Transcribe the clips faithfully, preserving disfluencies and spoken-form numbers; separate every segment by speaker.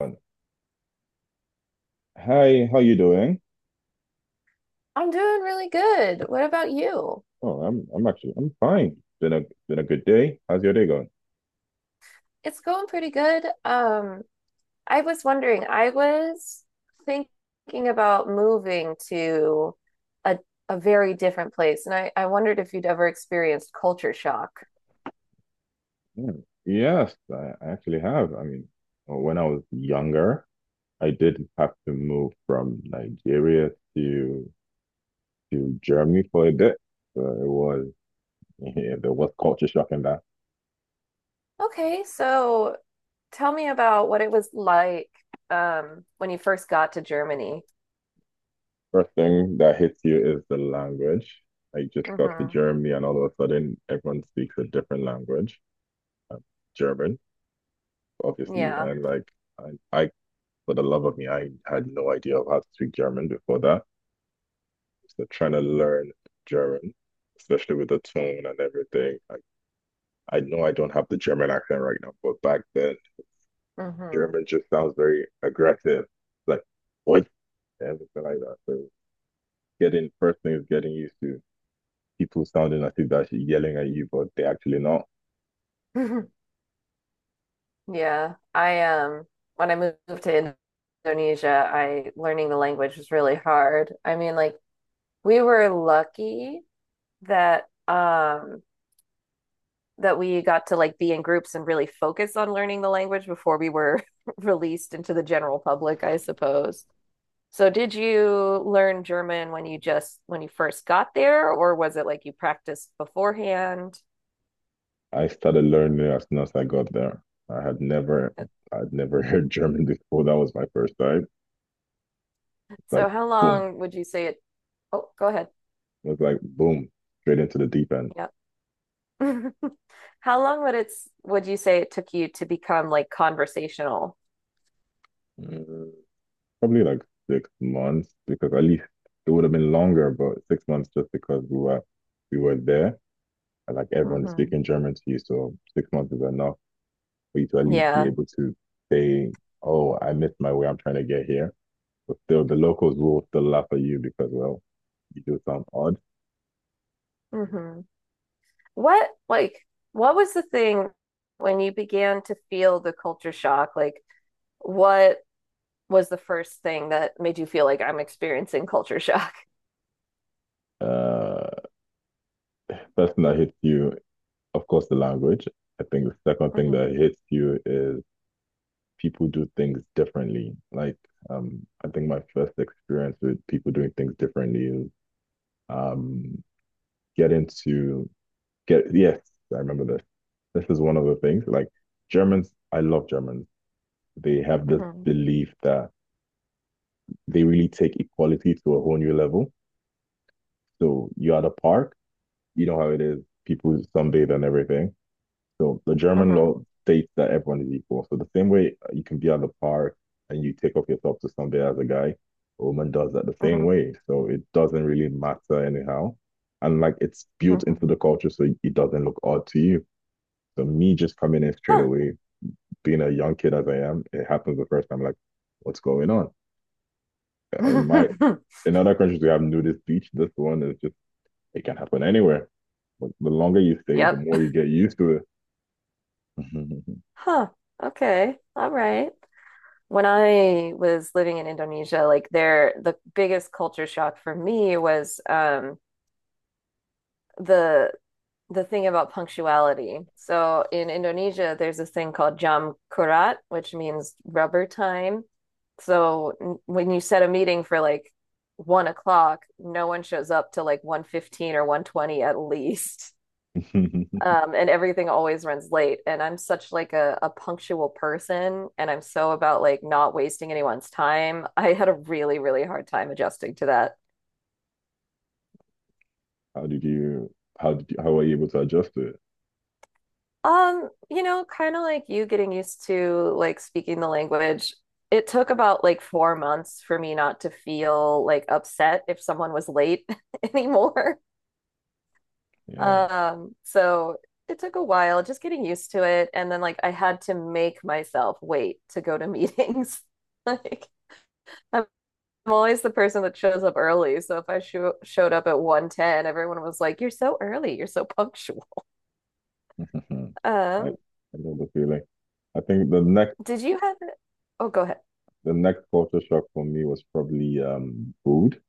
Speaker 1: On. Hi, how you doing?
Speaker 2: I'm doing really good. What about you?
Speaker 1: Oh, I'm I'm actually I'm fine. Been a been a good day. How's your day going?
Speaker 2: It's going pretty good. Um, I was wondering, I was thinking about moving to a a very different place, and I, I wondered if you'd ever experienced culture shock.
Speaker 1: Hmm. Yes, I I actually have. I mean, well, when I was younger, I did have to move from Nigeria to to Germany for a bit. So it was yeah, there was culture shock in that.
Speaker 2: Okay, so tell me about what it was like um when you first got to Germany.
Speaker 1: First thing that hits you is the language. I just got to
Speaker 2: Hmm.
Speaker 1: Germany and all of a sudden everyone speaks a different language. uh, German, obviously,
Speaker 2: Yeah.
Speaker 1: and like, I, I for the love of me, I had no idea of how to speak German before that. So trying to learn German, especially with the tone and everything. I, I know I don't have the German accent right now, but back then,
Speaker 2: Hmm.
Speaker 1: German just sounds very aggressive, like, what, everything like that. So getting first thing is getting used to people sounding as if they're yelling at you, but they are actually not.
Speaker 2: Yeah, I um when I moved to Indonesia, I learning the language was really hard. I mean, like we were lucky that um that we got to like be in groups and really focus on learning the language before we were released into the general public, I suppose. So did you learn German when you just when you first got there, or was it like you practiced beforehand?
Speaker 1: I started learning as soon as I got there. I had never, I'd never heard German before. That was my first time. Like
Speaker 2: So how
Speaker 1: boom,
Speaker 2: long would you say it? Oh, go ahead.
Speaker 1: It was like boom, straight into the deep end.
Speaker 2: Yeah. How long would it's would you say it took you to become like conversational?
Speaker 1: Mm, Probably like six months, because at least it would have been longer, but six months just because we were we were there. And like everyone is
Speaker 2: Hmm.
Speaker 1: speaking German to you, so six months is enough for you to at least be
Speaker 2: Yeah.
Speaker 1: able to say, "Oh, I missed my way. I'm trying to get here." But still, the locals will still laugh at you, because, well, you do sound odd.
Speaker 2: Hmm. What like what was the thing when you began to feel the culture shock? Like what was the first thing that made you feel like I'm experiencing culture shock?
Speaker 1: Uh, first thing that hits you, of course, the language. I think the second thing
Speaker 2: Hmm.
Speaker 1: that hits you is people do things differently. Like, um, I think my first experience with people doing things differently is, um get into get yes, I remember this. This is one of the things. Like, Germans, I love Germans. They have this
Speaker 2: Hmm.
Speaker 1: belief that they really take equality to a whole new level. So you're at a park, you know how it is, people sunbathe and everything. So the German
Speaker 2: Hmm.
Speaker 1: law states that everyone is equal. So the same way you can be at the park and you take off your top to somebody as a guy, a woman does that the same
Speaker 2: Hmm.
Speaker 1: way. So it doesn't really matter anyhow. And like, it's built into
Speaker 2: Hmm.
Speaker 1: the culture, so it doesn't look odd to you. So me just coming in straight
Speaker 2: Huh.
Speaker 1: away, being a young kid as I am, it happens the first time like, what's going on? Uh, In my in other countries, we have nudist beach. This one is just, it can happen anywhere. But the longer you stay, the
Speaker 2: Yep.
Speaker 1: more you get used to
Speaker 2: Huh. Okay. All right. When I was living in Indonesia, like there, the biggest culture shock for me was um, the the thing about punctuality. So in Indonesia, there's this thing called jam kurat, which means rubber time. So n- when you set a meeting for like one o'clock, no one shows up till like one fifteen or one twenty at least
Speaker 1: it.
Speaker 2: um, and everything always runs late. And I'm such like a, a punctual person, and I'm so about like not wasting anyone's time. I had a really, really hard time adjusting to that.
Speaker 1: How did you how did you, how were you able to adjust to it?
Speaker 2: Um, you know, kind of like you getting used to like speaking the language. It took about like four months for me not to feel like upset if someone was late anymore.
Speaker 1: Yeah.
Speaker 2: Um, so it took a while just getting used to it. And then like I had to make myself wait to go to meetings. Like, I'm I'm always the person that shows up early. So if I sho showed up at one ten, everyone was like, "You're so early. You're so punctual."
Speaker 1: I I
Speaker 2: Um,
Speaker 1: know the feeling. I think the next
Speaker 2: did you have it? Oh, go ahead.
Speaker 1: the next culture shock for me was probably um food.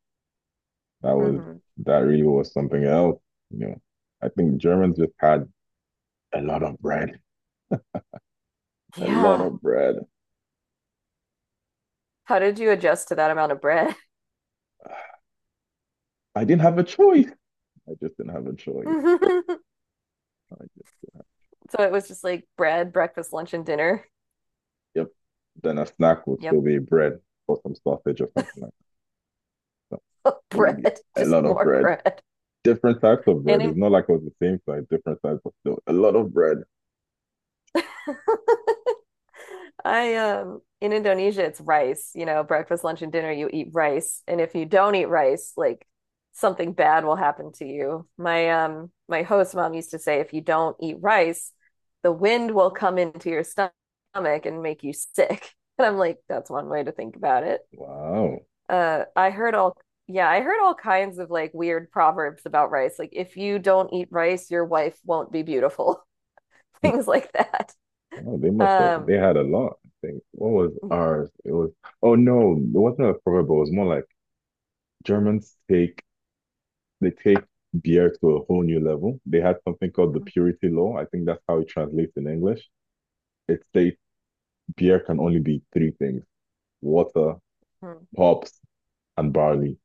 Speaker 1: That was
Speaker 2: Hmm.
Speaker 1: that really was something else. You know, I think Germans just had a lot of bread, a lot
Speaker 2: Yeah.
Speaker 1: of bread.
Speaker 2: How did you adjust to that amount of bread?
Speaker 1: I didn't have a choice. I just didn't have a choice. I just, didn't have.
Speaker 2: So it was just like bread, breakfast, lunch, and dinner.
Speaker 1: Yep. Then a snack would
Speaker 2: Yep.
Speaker 1: still be bread or some sausage or something like that. So we
Speaker 2: Bread,
Speaker 1: a
Speaker 2: just
Speaker 1: lot of
Speaker 2: more
Speaker 1: bread.
Speaker 2: bread.
Speaker 1: Different types of
Speaker 2: And
Speaker 1: bread.
Speaker 2: in
Speaker 1: It's not like it was the same size, different types of, no, a lot of bread.
Speaker 2: I um in Indonesia it's rice, you know, breakfast, lunch, and dinner you eat rice. And if you don't eat rice, like something bad will happen to you. My um my host mom used to say if you don't eat rice, the wind will come into your stomach and make you sick. And I'm like, that's one way to think about it.
Speaker 1: Wow.
Speaker 2: Uh I heard all yeah, I heard all kinds of like weird proverbs about rice. Like if you don't eat rice, your wife won't be beautiful.
Speaker 1: Hmm.
Speaker 2: Things like that.
Speaker 1: Oh, they must have
Speaker 2: Um
Speaker 1: they had a lot, I think. What was ours? It was, oh no, it wasn't a proper, but it was more like Germans take they take beer to a whole new level. They had something called the purity law. I think that's how it translates in English. It states beer can only be three things: water,
Speaker 2: mm-hmm.
Speaker 1: hops, and barley.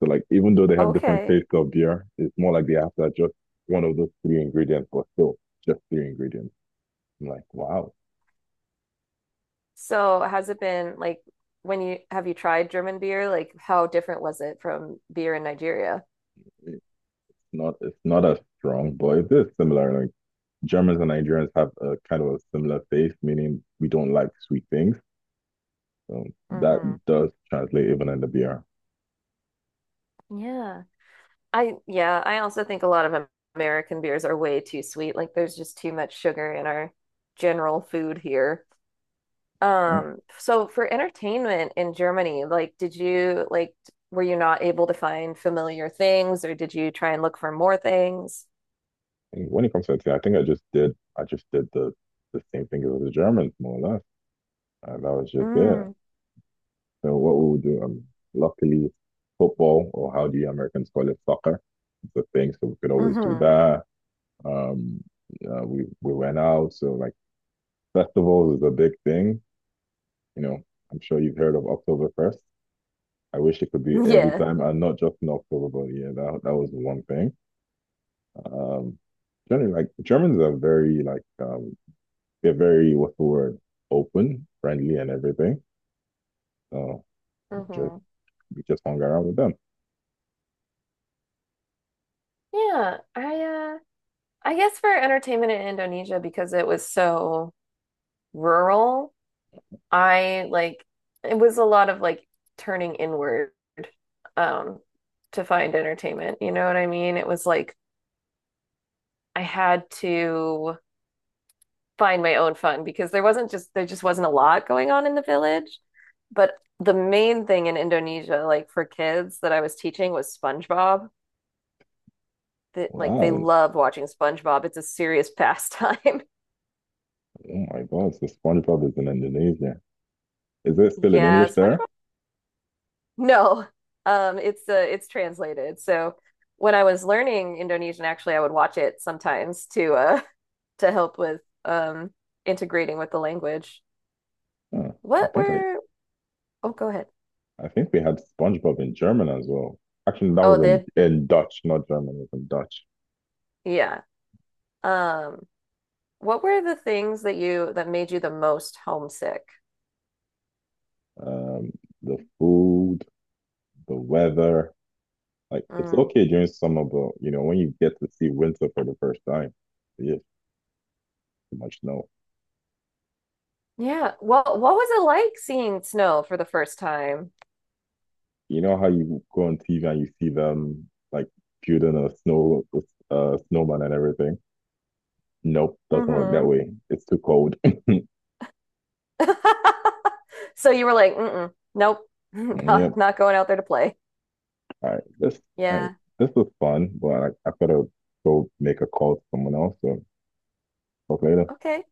Speaker 1: So like, even though they have different
Speaker 2: okay.
Speaker 1: tastes of beer, it's more like they have to adjust one of those three ingredients, but still just three ingredients. I'm like, wow,
Speaker 2: So has it been like when you have you tried German beer? Like how different was it from beer in Nigeria?
Speaker 1: it's not it's not as strong, but it is similar. Like, Germans and Nigerians have a kind of a similar taste, meaning we don't like sweet things. So that
Speaker 2: Hmm.
Speaker 1: does translate even in the beer.
Speaker 2: Yeah. I yeah, I also think a lot of Am- American beers are way too sweet. Like there's just too much sugar in our general food here. Um, so for entertainment in Germany, like did you like were you not able to find familiar things or did you try and look for more things?
Speaker 1: And when it comes to tea, I think I just did I just did the the same thing as the Germans, more or less. And that was just it.
Speaker 2: Mm,
Speaker 1: So what we would do, um, luckily, football, or how the Americans call it, soccer, is a thing. So we could always do
Speaker 2: hmm.
Speaker 1: that. Um, uh, we we went out. So, like, festivals is a big thing. You know, I'm sure you've heard of Oktoberfest. I wish it could be every
Speaker 2: Yeah.
Speaker 1: time, and not just in October, but yeah, that that was one thing. Um, generally, like, Germans are very, like, um, they're very, what's the word, open, friendly, and everything. So just
Speaker 2: Hmm.
Speaker 1: we just hung around with them.
Speaker 2: Yeah, I I guess for entertainment in Indonesia, because it was so rural, I like it was a lot of like turning inward um to find entertainment. You know what I mean? It was like I had to find my own fun because there wasn't just there just wasn't a lot going on in the village. But the main thing in Indonesia, like for kids that I was teaching was SpongeBob. That like they
Speaker 1: Wow.
Speaker 2: love watching SpongeBob. It's a serious pastime.
Speaker 1: Oh my God, the SpongeBob is in Indonesia. Is it still in
Speaker 2: Yeah,
Speaker 1: English there?
Speaker 2: SpongeBob. No, um, it's uh, it's translated. So when I was learning Indonesian, actually, I would watch it sometimes to uh to help with um integrating with the language.
Speaker 1: Huh. I
Speaker 2: What
Speaker 1: think I,
Speaker 2: were? Oh, go ahead.
Speaker 1: I think we had SpongeBob in German as well. Actually, that was
Speaker 2: Oh,
Speaker 1: in,
Speaker 2: did
Speaker 1: in Dutch, not German, it was in Dutch.
Speaker 2: yeah. Um, what were the things that you that made you the most homesick?
Speaker 1: Um, the food, the weather, like, it's
Speaker 2: Mm.
Speaker 1: okay during summer, but you know, when you get to see winter for the first time, you just, too much. No.
Speaker 2: Yeah. Well, what was it like seeing snow for the first time?
Speaker 1: You know how you go on T V and you see them like building a snow, uh, snowman and everything? Nope, doesn't work that
Speaker 2: Hmm.
Speaker 1: way. It's too cold.
Speaker 2: So you were like, Mm-mm, nope,
Speaker 1: Yeah.
Speaker 2: not not going out there to play.
Speaker 1: All right, this all right,
Speaker 2: Yeah.
Speaker 1: this was fun, but I, I gotta go make a call to someone else. So, talk later.
Speaker 2: Okay.